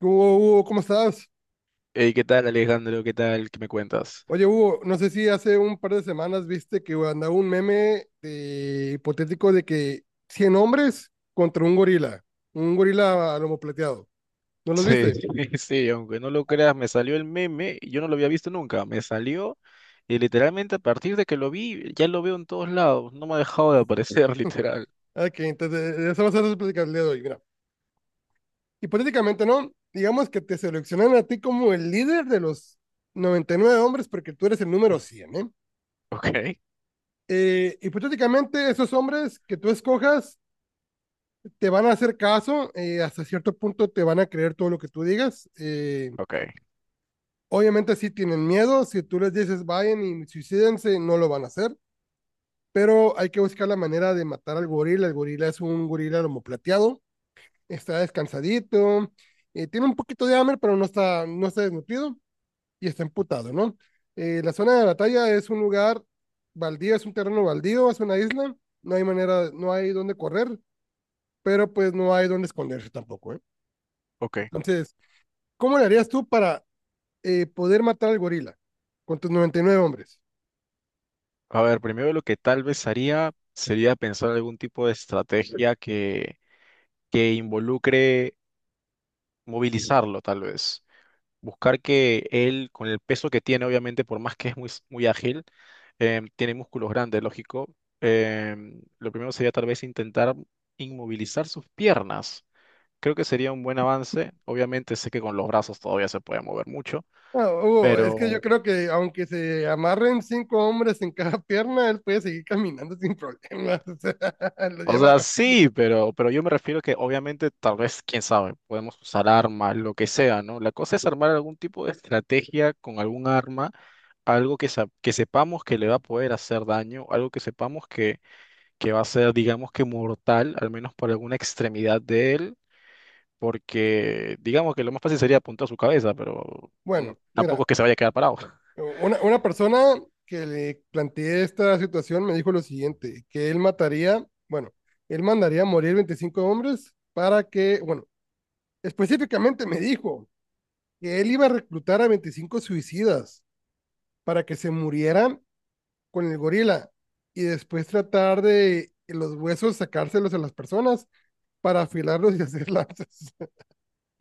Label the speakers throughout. Speaker 1: Hugo, Hugo, ¿cómo estás?
Speaker 2: Hey, ¿qué tal, Alejandro? ¿Qué tal? ¿Qué me cuentas?
Speaker 1: Oye, Hugo, no sé si hace un par de semanas viste que andaba un meme hipotético de que 100 hombres contra un gorila a lomo plateado. ¿No los
Speaker 2: Sí,
Speaker 1: viste?
Speaker 2: sí, sí, aunque no lo creas, me salió el meme, y yo no lo había visto nunca, me salió y literalmente a partir de que lo vi, ya lo veo en todos lados, no me ha dejado de aparecer, literal.
Speaker 1: Ah, ok, entonces de eso vas a hacer platicar el día de hoy. Mira, hipotéticamente, ¿no? Digamos que te seleccionan a ti como el líder de los 99 hombres porque tú eres el número 100, ¿eh?
Speaker 2: Ok,
Speaker 1: Hipotéticamente, esos hombres que tú escojas te van a hacer caso, hasta cierto punto te van a creer todo lo que tú digas.
Speaker 2: ok,
Speaker 1: Obviamente sí tienen miedo, si tú les dices vayan y suicídense, no lo van a hacer, pero hay que buscar la manera de matar al gorila. El gorila es un gorila lomo plateado, está descansadito. Tiene un poquito de hambre, pero no está desnutrido y está emputado, ¿no? La zona de batalla es un lugar baldío, es un terreno baldío, es una isla, no hay manera, no hay dónde correr, pero pues no hay dónde esconderse tampoco, ¿eh?
Speaker 2: ok.
Speaker 1: Entonces, ¿cómo le harías tú para poder matar al gorila con tus 99 hombres?
Speaker 2: A ver, primero lo que tal vez haría sería pensar algún tipo de estrategia que involucre movilizarlo, tal vez. Buscar que él, con el peso que tiene, obviamente, por más que es muy, muy ágil, tiene músculos grandes, lógico. Lo primero sería tal vez intentar inmovilizar sus piernas. Creo que sería un buen avance. Obviamente sé que con los brazos todavía se puede mover mucho,
Speaker 1: No, Hugo, es que yo
Speaker 2: pero,
Speaker 1: creo que aunque se amarren cinco hombres en cada pierna, él puede seguir caminando sin problemas. O sea, lo
Speaker 2: o
Speaker 1: lleva
Speaker 2: sea,
Speaker 1: arras-
Speaker 2: sí, pero yo me refiero que obviamente tal vez, quién sabe, podemos usar armas, lo que sea, ¿no? La cosa es armar algún tipo de estrategia con algún arma, algo que, que sepamos que le va a poder hacer daño, algo que sepamos que va a ser, digamos que mortal, al menos por alguna extremidad de él, porque digamos que lo más fácil sería apuntar a su cabeza, pero
Speaker 1: Bueno, mira,
Speaker 2: tampoco es que se vaya a quedar parado.
Speaker 1: una persona que le planteé esta situación me dijo lo siguiente, que él mataría, bueno, él mandaría a morir 25 hombres para que, bueno, específicamente me dijo que él iba a reclutar a 25 suicidas para que se murieran con el gorila y después tratar de los huesos sacárselos a las personas para afilarlos y hacer lanzas.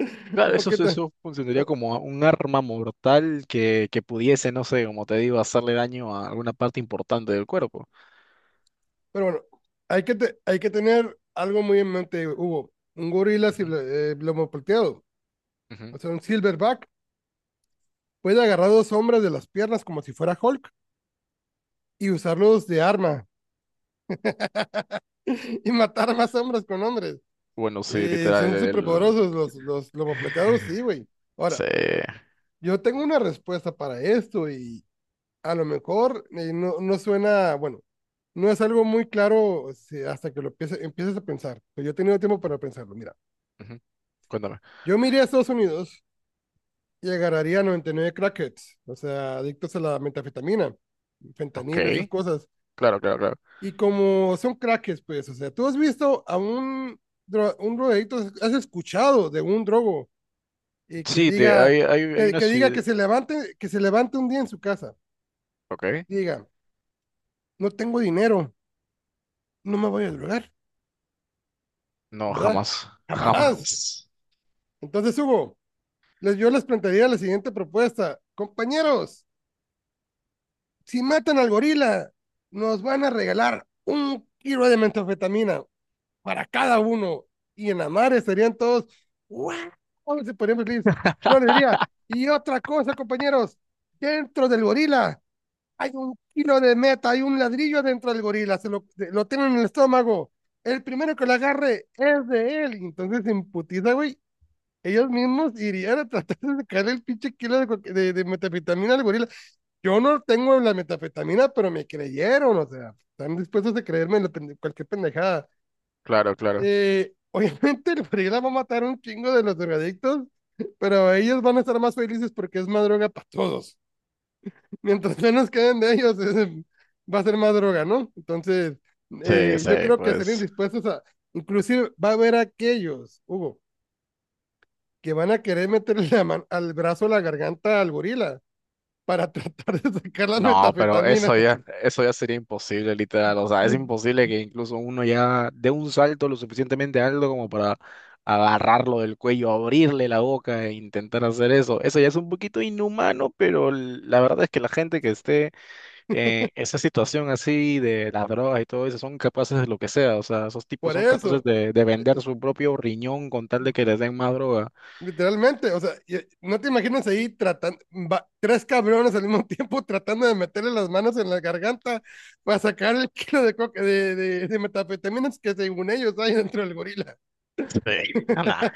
Speaker 1: Un
Speaker 2: Claro, eso,
Speaker 1: poquito.
Speaker 2: eso funcionaría como un arma mortal que pudiese, no sé, como te digo, hacerle daño a alguna parte importante del cuerpo.
Speaker 1: Pero bueno, hay que tener algo muy en mente, Hugo. Un gorila si,
Speaker 2: Ujú,
Speaker 1: lomo plateado,
Speaker 2: ujú.
Speaker 1: o sea, un silverback, puede agarrar dos hombres de las piernas como si fuera Hulk y usarlos de arma y matar más hombres con hombres.
Speaker 2: Bueno, sí, literal.
Speaker 1: Son súper poderosos los lomo plateados, sí, güey. Ahora,
Speaker 2: Sí.
Speaker 1: yo tengo una respuesta para esto y, a lo mejor no, no suena, bueno, no es algo muy claro si hasta que lo empieces a pensar. Pero yo he tenido tiempo para pensarlo. Mira,
Speaker 2: Ujú. Cuéntame.
Speaker 1: yo me iría a Estados Unidos y agarraría 99 crackheads, o sea, adictos a la metafetamina,
Speaker 2: Ok.
Speaker 1: fentanilo, esas cosas.
Speaker 2: Claro, claro, claro.
Speaker 1: Y como son crackheads, pues, o sea, tú has visto a un drogadicto, has escuchado de un drogo y que
Speaker 2: Sí,
Speaker 1: diga,
Speaker 2: hay una
Speaker 1: que diga
Speaker 2: ciudad.
Speaker 1: que se levante un día en su casa,
Speaker 2: Ok.
Speaker 1: diga, no tengo dinero, no me voy a drogar,
Speaker 2: No,
Speaker 1: ¿verdad?
Speaker 2: jamás.
Speaker 1: Jamás.
Speaker 2: Jamás.
Speaker 1: Entonces, Hugo, yo les plantearía la siguiente propuesta. Compañeros, si matan al gorila, nos van a regalar un kilo de metanfetamina para cada uno. Y en la madre estarían todos, ¡wow! Se ponían felices. Yo les diría, y otra cosa, compañeros, dentro del gorila hay un kilo de meta, hay un ladrillo dentro del gorila, lo tienen en el estómago. El primero que lo agarre es de él. Entonces se imputiza, güey, ellos mismos irían a tratar de sacarle el pinche kilo de metafetamina al gorila. Yo no tengo la metafetamina, pero me creyeron, o sea, están dispuestos a creerme cualquier pendejada.
Speaker 2: Claro, claro.
Speaker 1: Obviamente el gorila va a matar un chingo de los drogadictos, pero ellos van a estar más felices porque es más droga para todos. Mientras menos queden de ellos, va a ser más droga, ¿no? Entonces,
Speaker 2: Sí,
Speaker 1: yo
Speaker 2: sí,
Speaker 1: creo que estarían
Speaker 2: pues
Speaker 1: dispuestos a, inclusive va a haber aquellos, Hugo, que van a querer meterle la mano al brazo, a la garganta al gorila para tratar de sacar la
Speaker 2: no, pero
Speaker 1: metafetamina.
Speaker 2: eso ya sería imposible, literal. O sea, es imposible que incluso uno ya dé un salto lo suficientemente alto como para agarrarlo del cuello, abrirle la boca e intentar hacer eso. Eso ya es un poquito inhumano, pero la verdad es que la gente que esté en esa situación así de las drogas y todo eso son capaces de lo que sea. O sea, esos tipos
Speaker 1: Por
Speaker 2: son capaces
Speaker 1: eso,
Speaker 2: de vender su propio riñón con tal de que les den más droga.
Speaker 1: literalmente, o sea, no te imaginas ahí tratando, va, tres cabrones al mismo tiempo tratando de meterle las manos en la garganta para sacar el kilo de, coca, de metafetaminas que según ellos hay dentro del gorila.
Speaker 2: Sí, nah.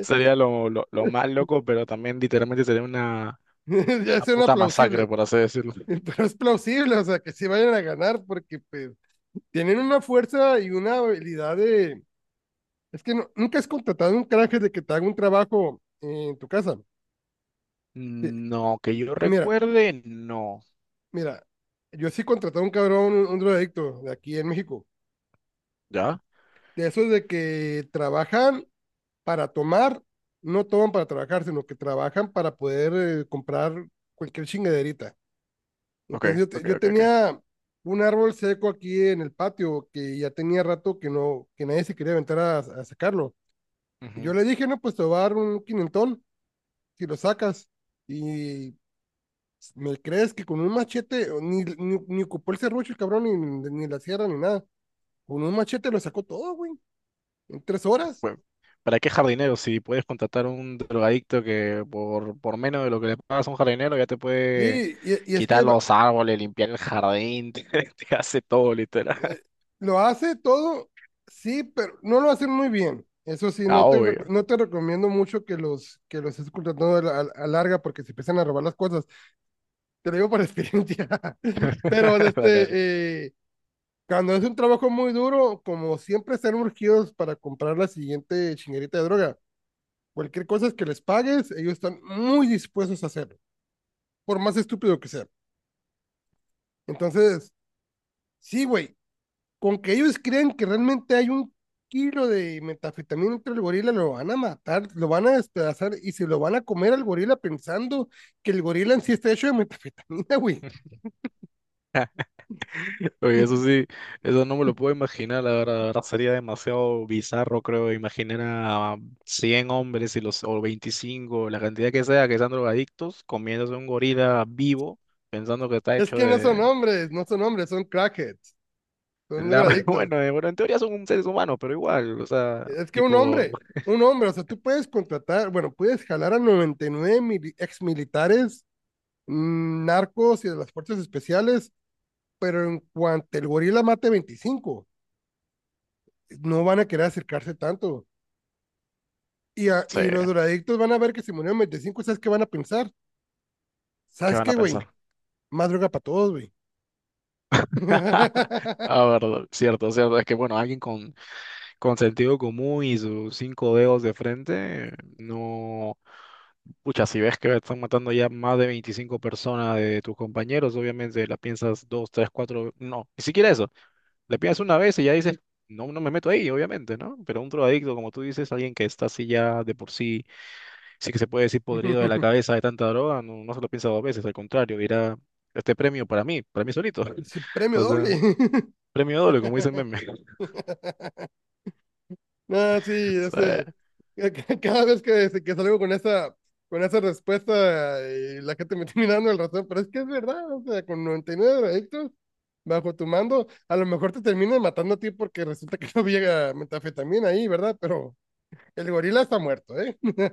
Speaker 2: Sería lo más loco, pero también literalmente sería una,
Speaker 1: Ya
Speaker 2: una
Speaker 1: suena
Speaker 2: puta masacre,
Speaker 1: plausible.
Speaker 2: por así decirlo.
Speaker 1: Pero es plausible, o sea, que sí vayan a ganar porque pues, tienen una fuerza y una habilidad de. Es que nunca has contratado un canje de que te haga un trabajo en tu casa. Te-
Speaker 2: No, que yo
Speaker 1: Mira,
Speaker 2: recuerde, no.
Speaker 1: mira, yo sí contraté a un cabrón, un drogadicto de aquí en México.
Speaker 2: ¿Ya?
Speaker 1: De esos de que trabajan para tomar, no toman para trabajar, sino que trabajan para poder comprar cualquier chingaderita.
Speaker 2: Ok,
Speaker 1: Entonces
Speaker 2: ok,
Speaker 1: yo
Speaker 2: ok, ok.
Speaker 1: tenía un árbol seco aquí en el patio que ya tenía rato que no, que nadie se quería aventar a sacarlo. Y yo
Speaker 2: Ujú.
Speaker 1: le dije, no, pues te voy a dar un quinentón si lo sacas. Y ¿me crees que con un machete o ni ocupó el serrucho el cabrón, ni la sierra, ni nada? Con un machete lo sacó todo, güey, en 3 horas.
Speaker 2: Bueno, ¿para qué jardinero? Si puedes contratar a un drogadicto que por menos de lo que le pagas a un jardinero ya te puede
Speaker 1: Sí, y es
Speaker 2: quitar
Speaker 1: que
Speaker 2: los árboles, limpiar el jardín, te hace todo, literal.
Speaker 1: eh, lo hace todo, sí, pero no lo hace muy bien. Eso sí,
Speaker 2: Ah, obvio.
Speaker 1: no te recomiendo mucho que los estés contratando a larga porque se empiezan a robar las cosas. Te lo digo por experiencia. Pero
Speaker 2: Dale, dale.
Speaker 1: este, cuando es un trabajo muy duro, como siempre están urgidos para comprar la siguiente chinguerita de droga, cualquier cosa que les pagues, ellos están muy dispuestos a hacerlo, por más estúpido que sea. Entonces, sí, güey, con que ellos crean que realmente hay un kilo de metanfetamina entre el gorila, lo van a matar, lo van a despedazar y se lo van a comer al gorila pensando que el gorila en sí está hecho de metanfetamina, güey.
Speaker 2: Oye, eso sí, eso no me lo puedo imaginar, la verdad sería demasiado bizarro, creo, imaginar a 100 hombres y o 25, la cantidad que sea, que sean drogadictos, comiéndose un gorila vivo, pensando que está
Speaker 1: Es
Speaker 2: hecho
Speaker 1: que no
Speaker 2: de.
Speaker 1: son hombres, no son hombres, son crackheads, son drogadictos.
Speaker 2: Bueno, en teoría son seres humanos, pero igual, o sea,
Speaker 1: Es que
Speaker 2: tipo, no
Speaker 1: un hombre, o sea, tú puedes contratar, bueno, puedes jalar a 99 mil ex militares, narcos y de las fuerzas especiales, pero en cuanto el gorila mate 25, no van a querer acercarse tanto. Y los
Speaker 2: sé,
Speaker 1: drogadictos van a ver que si murieron 25, ¿sabes qué van a pensar?
Speaker 2: ¿qué
Speaker 1: ¿Sabes
Speaker 2: van
Speaker 1: qué,
Speaker 2: a
Speaker 1: güey?
Speaker 2: pensar?
Speaker 1: Más droga para todos, güey.
Speaker 2: Ah, verdad, cierto, cierto, es que bueno, alguien con sentido común y sus cinco dedos de frente, no. Pucha, si ves que están matando ya más de 25 personas de tus compañeros, obviamente la piensas dos, tres, cuatro, no, ni siquiera eso. Le piensas una vez y ya dices, no, no me meto ahí, obviamente, ¿no? Pero un drogadicto, como tú dices, alguien que está así ya de por sí, sí que se puede decir podrido de la cabeza de tanta droga, no, no se lo piensa dos veces, al contrario, dirá, este premio para mí solito.
Speaker 1: Premio
Speaker 2: O
Speaker 1: doble.
Speaker 2: sea, premio doble, como dice el meme.
Speaker 1: No, sí, ese,
Speaker 2: Sí.
Speaker 1: cada vez que salgo con esa respuesta, y la gente me está mirando el razón, pero es que es verdad, o sea, con 99 drogadictos bajo tu mando, a lo mejor te terminan matando a ti porque resulta que no había metafetamina ahí, ¿verdad? Pero el gorila está muerto, ¿eh?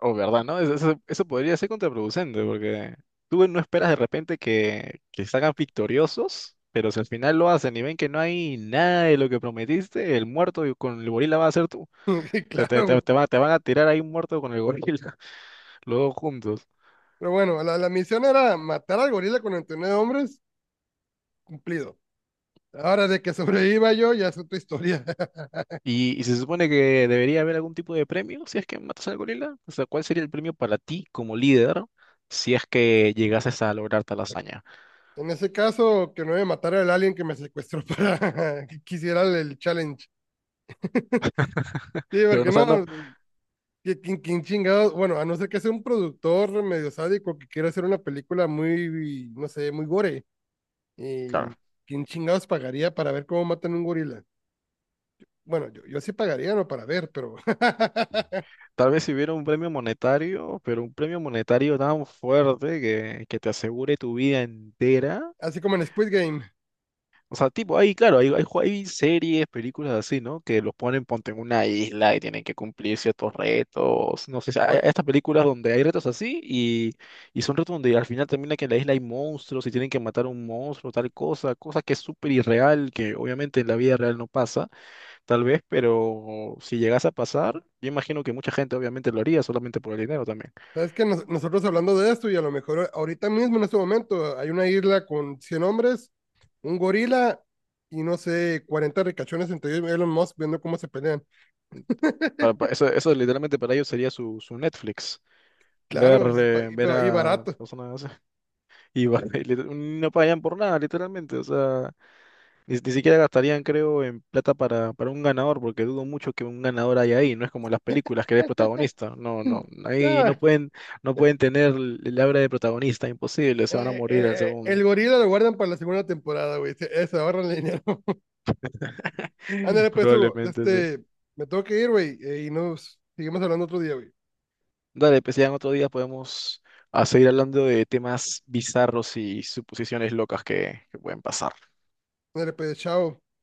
Speaker 2: O verdad, ¿no? Eso podría ser contraproducente, porque tú bueno, no esperas de repente que salgan victoriosos, pero si al final lo hacen y ven que no hay nada de lo que prometiste, el muerto y con el gorila va a ser tú.
Speaker 1: Y
Speaker 2: Te, te,
Speaker 1: claro,
Speaker 2: te,
Speaker 1: güey.
Speaker 2: te va- te van a tirar ahí un muerto con el gorila, los dos juntos.
Speaker 1: Pero bueno, la misión era matar al gorila con 99 hombres, cumplido. Ahora, de que sobreviva yo, ya es otra historia.
Speaker 2: Y se supone que debería haber algún tipo de premio si es que matas al gorila. O sea, ¿cuál sería el premio para ti como líder si es que llegases a lograr tal hazaña?
Speaker 1: En ese caso, que no me matara el alien que me secuestró para que quisiera el challenge. Sí,
Speaker 2: Pero no,
Speaker 1: porque
Speaker 2: o sea, no.
Speaker 1: no, ¿que chingados? Bueno, a no ser que sea un productor medio sádico que quiera hacer una película muy, no sé, muy gore.
Speaker 2: Claro,
Speaker 1: ¿Y quién chingados pagaría para ver cómo matan un gorila? Bueno, yo sí pagaría, no para ver, pero
Speaker 2: tal vez si hubiera un premio monetario, pero un premio monetario tan fuerte que, te asegure tu vida entera.
Speaker 1: así como en Squid Game.
Speaker 2: O sea, tipo, ahí, claro, hay series, películas así, ¿no? Que los ponen, ponte en una isla y tienen que cumplir ciertos retos. No sé, hay
Speaker 1: Hoy,
Speaker 2: hay estas películas donde hay retos así y son retos donde al final termina que en la isla hay monstruos y tienen que matar a un monstruo, tal cosa, cosa que es súper irreal, que obviamente en la vida real no pasa, tal vez, pero si llegase a pasar, yo imagino que mucha gente obviamente lo haría solamente por el dinero también.
Speaker 1: ¿sabes que nosotros hablando de esto y a lo mejor ahorita mismo en este momento hay una isla con 100 hombres, un gorila y no sé, 40 ricachones entre ellos, Elon Musk viendo cómo se pelean?
Speaker 2: Eso literalmente para ellos sería su Netflix. Ver,
Speaker 1: Claro, pues, pa-
Speaker 2: eh,
Speaker 1: y,
Speaker 2: ver
Speaker 1: pero- y
Speaker 2: a
Speaker 1: barato.
Speaker 2: personas así. Y va- y lit- no pagan por nada, literalmente. O sea, ni siquiera gastarían, creo, en plata para un ganador, porque dudo mucho que un ganador haya ahí. No es como en las películas que eres protagonista. No, no. Ahí
Speaker 1: Ah,
Speaker 2: no pueden tener el aura de protagonista, imposible. Se van a morir al segundo.
Speaker 1: el gorila lo guardan para la segunda temporada, güey. Se ahorran dinero. Ándale, pues, Hugo,
Speaker 2: Probablemente, sí.
Speaker 1: este, me tengo que ir, güey, y nos seguimos hablando otro día, güey.
Speaker 2: Dale, pues ya en otro día podemos a seguir hablando de temas bizarros y suposiciones locas que pueden pasar.
Speaker 1: Ándale, pues, chao.